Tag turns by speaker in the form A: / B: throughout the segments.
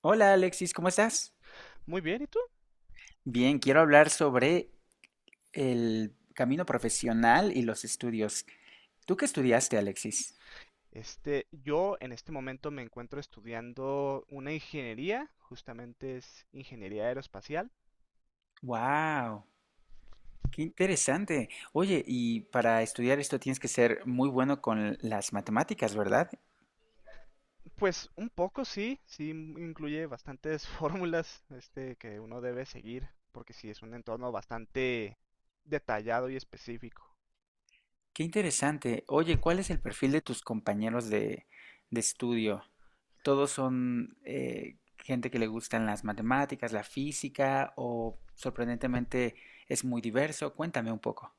A: Hola Alexis, ¿cómo estás?
B: Muy bien, ¿y tú?
A: Bien, quiero hablar sobre el camino profesional y los estudios. ¿Tú qué estudiaste, Alexis?
B: Yo en este momento me encuentro estudiando una ingeniería, justamente es ingeniería aeroespacial.
A: Wow, qué interesante. Oye, y para estudiar esto tienes que ser muy bueno con las matemáticas, ¿verdad?
B: Pues un poco sí, sí incluye bastantes fórmulas, que uno debe seguir, porque sí es un entorno bastante detallado y específico.
A: Qué interesante. Oye, ¿cuál es el perfil de tus compañeros de estudio? ¿Todos son gente que le gustan las matemáticas, la física o sorprendentemente es muy diverso? Cuéntame un poco.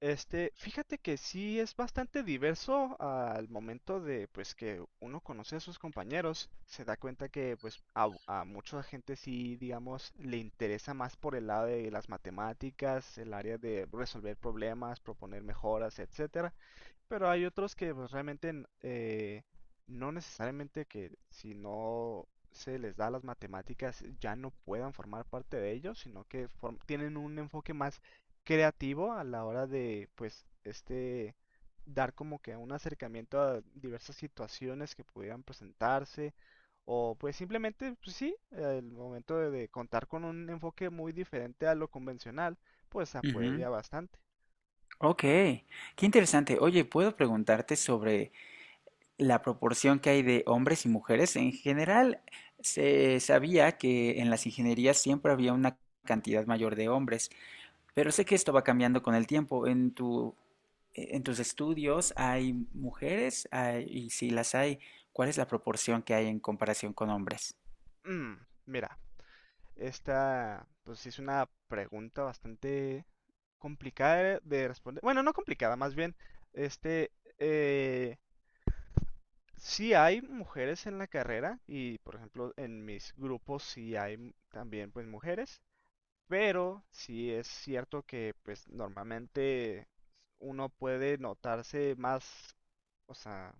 B: Fíjate que sí es bastante diverso al momento de pues que uno conoce a sus compañeros, se da cuenta que pues a mucha gente sí, digamos, le interesa más por el lado de las matemáticas, el área de resolver problemas, proponer mejoras, etcétera. Pero hay otros que pues, realmente no necesariamente que si no se les da las matemáticas ya no puedan formar parte de ellos, sino que tienen un enfoque más creativo a la hora de pues dar como que un acercamiento a diversas situaciones que pudieran presentarse o pues simplemente pues, sí, el momento de contar con un enfoque muy diferente a lo convencional, pues apoya bastante.
A: Ok, qué interesante. Oye, ¿puedo preguntarte sobre la proporción que hay de hombres y mujeres? En general, se sabía que en las ingenierías siempre había una cantidad mayor de hombres, pero sé que esto va cambiando con el tiempo. En tus estudios, ¿hay mujeres? Y si las hay, ¿cuál es la proporción que hay en comparación con hombres?
B: Mm, mira. Pues sí es una pregunta bastante complicada de responder. Bueno, no complicada, más bien, este, eh, sí hay mujeres en la carrera y, por ejemplo, en mis grupos sí hay también, pues, mujeres, pero sí es cierto que, pues, normalmente uno puede notarse más, o sea,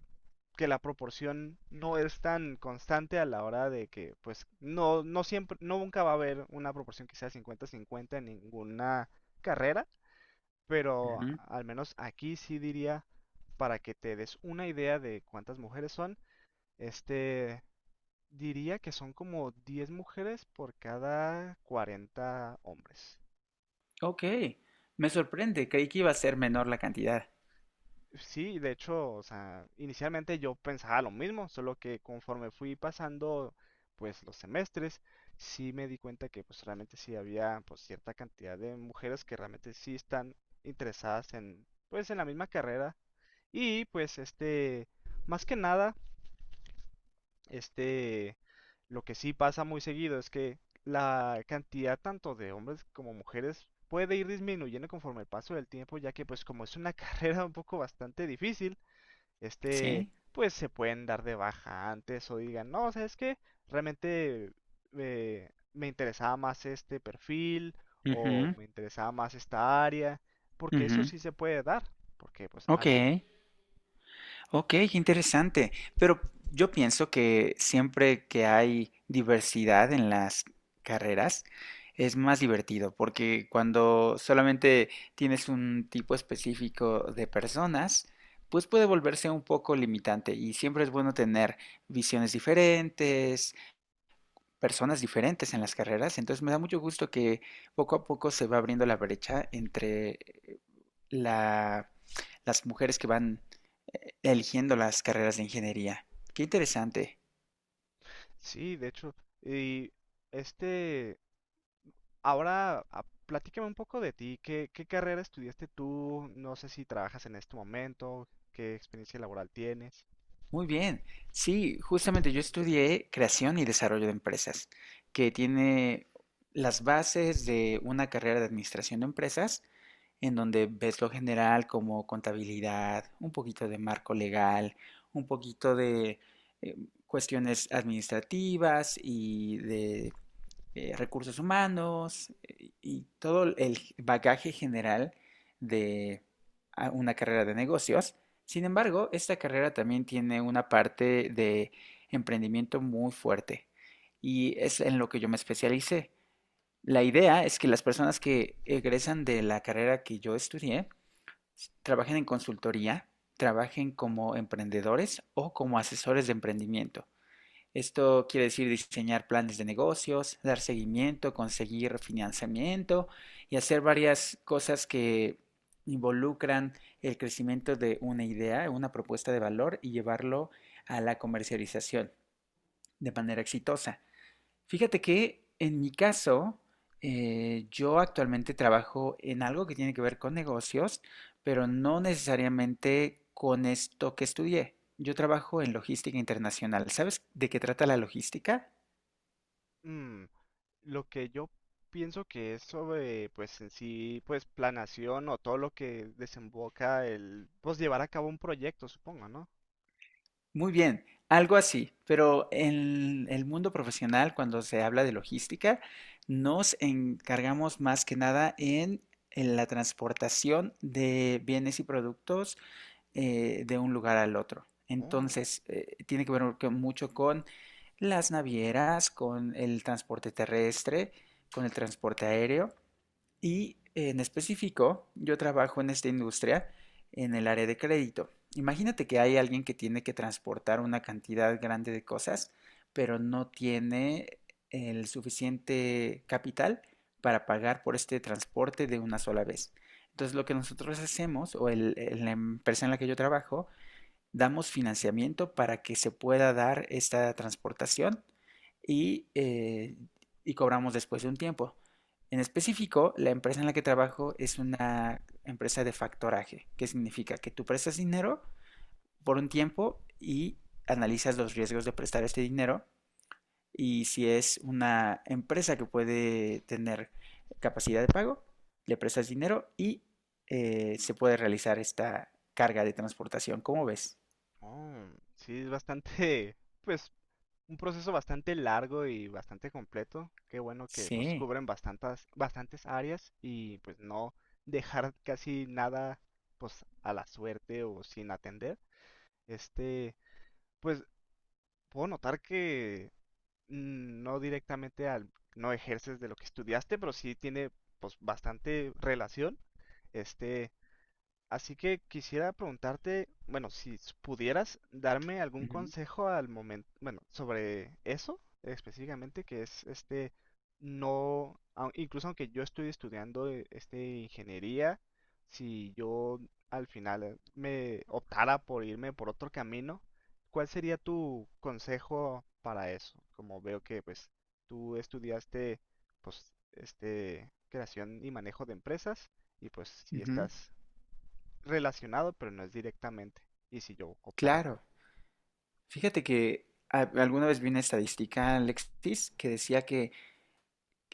B: que la proporción no es tan constante a la hora de que, pues, no, no siempre, no nunca va a haber una proporción que sea 50-50 en ninguna carrera, pero
A: Ujú.
B: al menos aquí sí diría, para que te des una idea de cuántas mujeres son, este, diría que son como 10 mujeres por cada 40 hombres.
A: Ok, me sorprende. Creí que iba a ser menor la cantidad.
B: Sí, de hecho, o sea, inicialmente yo pensaba lo mismo, solo que conforme fui pasando, pues, los semestres, sí me di cuenta que, pues, realmente sí había, pues, cierta cantidad de mujeres que realmente sí están interesadas en, pues, en la misma carrera. Y, pues, más que nada, este, lo que sí pasa muy seguido es que la cantidad tanto de hombres como mujeres puede ir disminuyendo conforme el paso del tiempo, ya que, pues, como es una carrera un poco bastante difícil, este,
A: ¿Sí?
B: pues se pueden dar de baja antes o digan, no, ¿sabes qué? Realmente me interesaba más este perfil o
A: Ujú,
B: me interesaba más esta área, porque eso
A: ujú.
B: sí se puede dar, porque pues al
A: Ok.
B: momento.
A: Ok, interesante. Pero yo pienso que siempre que hay diversidad en las carreras es más divertido, porque cuando solamente tienes un tipo específico de personas, pues puede volverse un poco limitante y siempre es bueno tener visiones diferentes, personas diferentes en las carreras. Entonces me da mucho gusto que poco a poco se va abriendo la brecha entre la, las mujeres que van eligiendo las carreras de ingeniería. Qué interesante.
B: Sí, de hecho, y este, ahora platícame un poco de ti, ¿qué, qué carrera estudiaste tú? No sé si trabajas en este momento, qué experiencia laboral tienes.
A: Muy bien. Sí, justamente yo estudié creación y desarrollo de empresas, que tiene las bases de una carrera de administración de empresas, en donde ves lo general como contabilidad, un poquito de marco legal, un poquito de eh, cuestiones administrativas y de recursos humanos y todo el bagaje general de una carrera de negocios. Sin embargo, esta carrera también tiene una parte de emprendimiento muy fuerte y es en lo que yo me especialicé. La idea es que las personas que egresan de la carrera que yo estudié trabajen en consultoría, trabajen como emprendedores o como asesores de emprendimiento. Esto quiere decir diseñar planes de negocios, dar seguimiento, conseguir financiamiento y hacer varias cosas que involucran el crecimiento de una idea, una propuesta de valor y llevarlo a la comercialización de manera exitosa. Fíjate que en mi caso, yo actualmente trabajo en algo que tiene que ver con negocios, pero no necesariamente con esto que estudié. Yo trabajo en logística internacional. ¿Sabes de qué trata la logística?
B: Mm, lo que yo pienso que es sobre, pues en sí, pues planación o todo lo que desemboca el, pues llevar a cabo un proyecto, supongo, ¿no?
A: Muy bien, algo así, pero en el mundo profesional, cuando se habla de logística, nos encargamos más que nada en la transportación de bienes y productos de un lugar al otro.
B: Oh,
A: Entonces, tiene que ver mucho con las navieras, con el transporte terrestre, con el transporte aéreo y en específico, yo trabajo en esta industria en el área de crédito. Imagínate que hay alguien que tiene que transportar una cantidad grande de cosas, pero no tiene el suficiente capital para pagar por este transporte de una sola vez. Entonces, lo que nosotros hacemos, o la empresa en la que yo trabajo, damos financiamiento para que se pueda dar esta transportación y, eh, y cobramos después de un tiempo. En específico, la empresa en la que trabajo es una empresa de factoraje, que significa que tú prestas dinero por un tiempo y analizas los riesgos de prestar este dinero y si es una empresa que puede tener capacidad de pago, le prestas dinero y se puede realizar esta carga de transportación. ¿Cómo ves?
B: oh, sí, es bastante, pues un proceso bastante largo y bastante completo. Qué bueno que pues
A: Sí.
B: cubren bastantes, bastantes áreas y pues no dejar casi nada pues a la suerte o sin atender. Este, pues puedo notar que no directamente no ejerces de lo que estudiaste, pero sí tiene pues bastante relación. este Así que quisiera preguntarte, bueno, si pudieras darme algún
A: Ujú,
B: consejo al momento, bueno, sobre eso específicamente, que es no, incluso aunque yo estoy estudiando ingeniería, si yo al final me optara por irme por otro camino, ¿cuál sería tu consejo para eso? Como veo que pues tú estudiaste pues creación y manejo de empresas y pues si
A: ujú,
B: estás relacionado, pero no es directamente. Y si yo optara por.
A: claro. Fíjate que alguna vez vi una estadística, Alexis, que decía que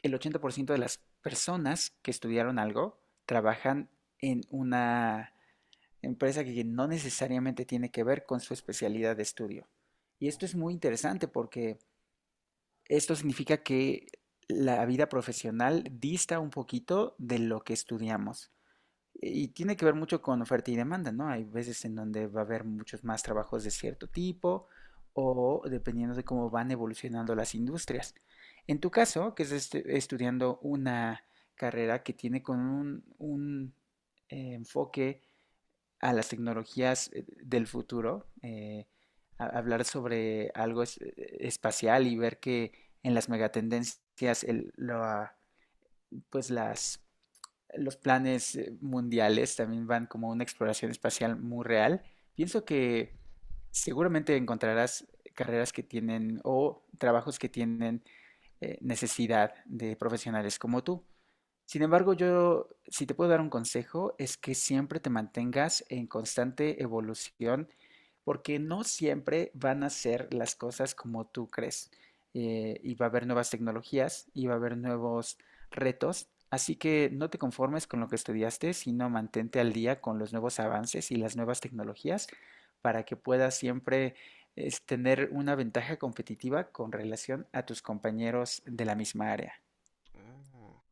A: el 80% de las personas que estudiaron algo trabajan en una empresa que no necesariamente tiene que ver con su especialidad de estudio. Y esto es muy interesante porque esto significa que la vida profesional dista un poquito de lo que estudiamos. Y tiene que ver mucho con oferta y demanda, ¿no? Hay veces en donde va a haber muchos más trabajos de cierto tipo o dependiendo de cómo van evolucionando las industrias. En tu caso, que estás estudiando una carrera que tiene con un, enfoque a las tecnologías del futuro, hablar sobre algo espacial y ver que en las megatendencias pues las los planes mundiales también van como una exploración espacial muy real. Pienso que seguramente encontrarás carreras que tienen o trabajos que tienen necesidad de profesionales como tú. Sin embargo, yo, si te puedo dar un consejo, es que siempre te mantengas en constante evolución, porque no siempre van a ser las cosas como tú crees. Y va a haber nuevas tecnologías y va a haber nuevos retos. Así que no te conformes con lo que estudiaste, sino mantente al día con los nuevos avances y las nuevas tecnologías para que puedas siempre tener una ventaja competitiva con relación a tus compañeros de la misma área.
B: Ah,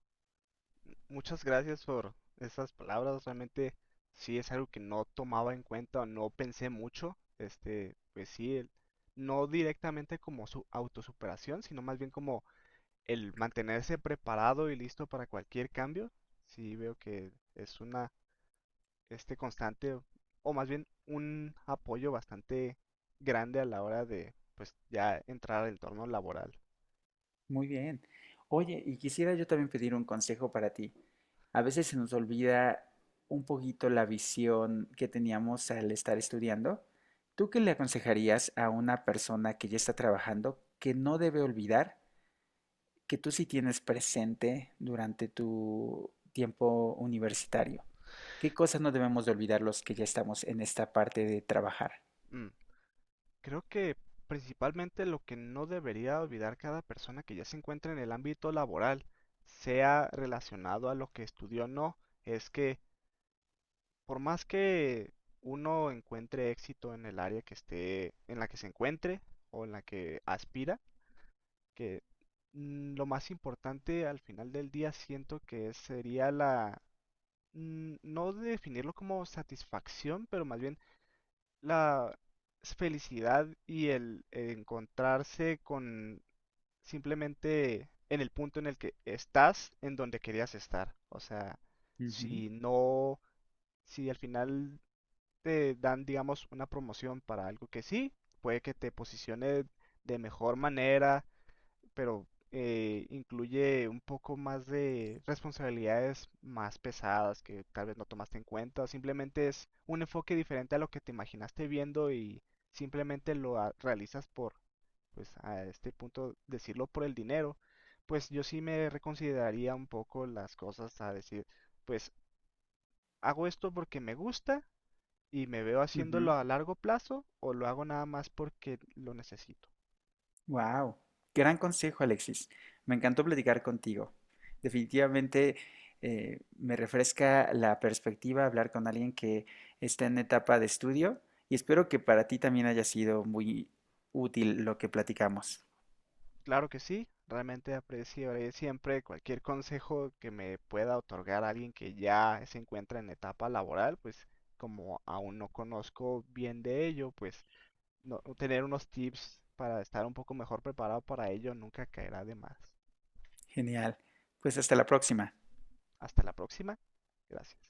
B: muchas gracias por esas palabras, realmente sí es algo que no tomaba en cuenta o no pensé mucho. Pues sí, no directamente como su autosuperación, sino más bien como el mantenerse preparado y listo para cualquier cambio. Sí veo que es una, constante, o más bien un apoyo bastante grande a la hora de, pues ya entrar al entorno laboral.
A: Muy bien. Oye, y quisiera yo también pedir un consejo para ti. A veces se nos olvida un poquito la visión que teníamos al estar estudiando. ¿Tú qué le aconsejarías a una persona que ya está trabajando que no debe olvidar que tú sí tienes presente durante tu tiempo universitario? ¿Qué cosas no debemos de olvidar los que ya estamos en esta parte de trabajar?
B: Mm. Creo que principalmente lo que no debería olvidar cada persona que ya se encuentra en el ámbito laboral, sea relacionado a lo que estudió o no, es que por más que uno encuentre éxito en el área que esté, en la que se encuentre o en la que aspira, que lo más importante al final del día siento que sería la, no definirlo como satisfacción, pero más bien la felicidad y el encontrarse con simplemente en el punto en el que estás, en donde querías estar. O sea,
A: Ujú,
B: si no, si al final te dan, digamos, una promoción para algo que sí, puede que te posicione de mejor manera pero incluye un poco más de responsabilidades más pesadas que tal vez no tomaste en cuenta. Simplemente es un enfoque diferente a lo que te imaginaste viendo y simplemente lo realizas por, pues a este punto, decirlo por el dinero. Pues yo sí me reconsideraría un poco las cosas a decir, pues hago esto porque me gusta y me veo
A: ujú.
B: haciéndolo a largo plazo o lo hago nada más porque lo necesito.
A: Wow, gran consejo, Alexis. Me encantó platicar contigo. Definitivamente me refresca la perspectiva hablar con alguien que está en etapa de estudio y espero que para ti también haya sido muy útil lo que platicamos.
B: Claro que sí, realmente apreciaré siempre cualquier consejo que me pueda otorgar alguien que ya se encuentra en etapa laboral, pues como aún no conozco bien de ello, pues no, tener unos tips para estar un poco mejor preparado para ello nunca caerá de más.
A: Genial. Pues hasta la próxima.
B: Hasta la próxima. Gracias.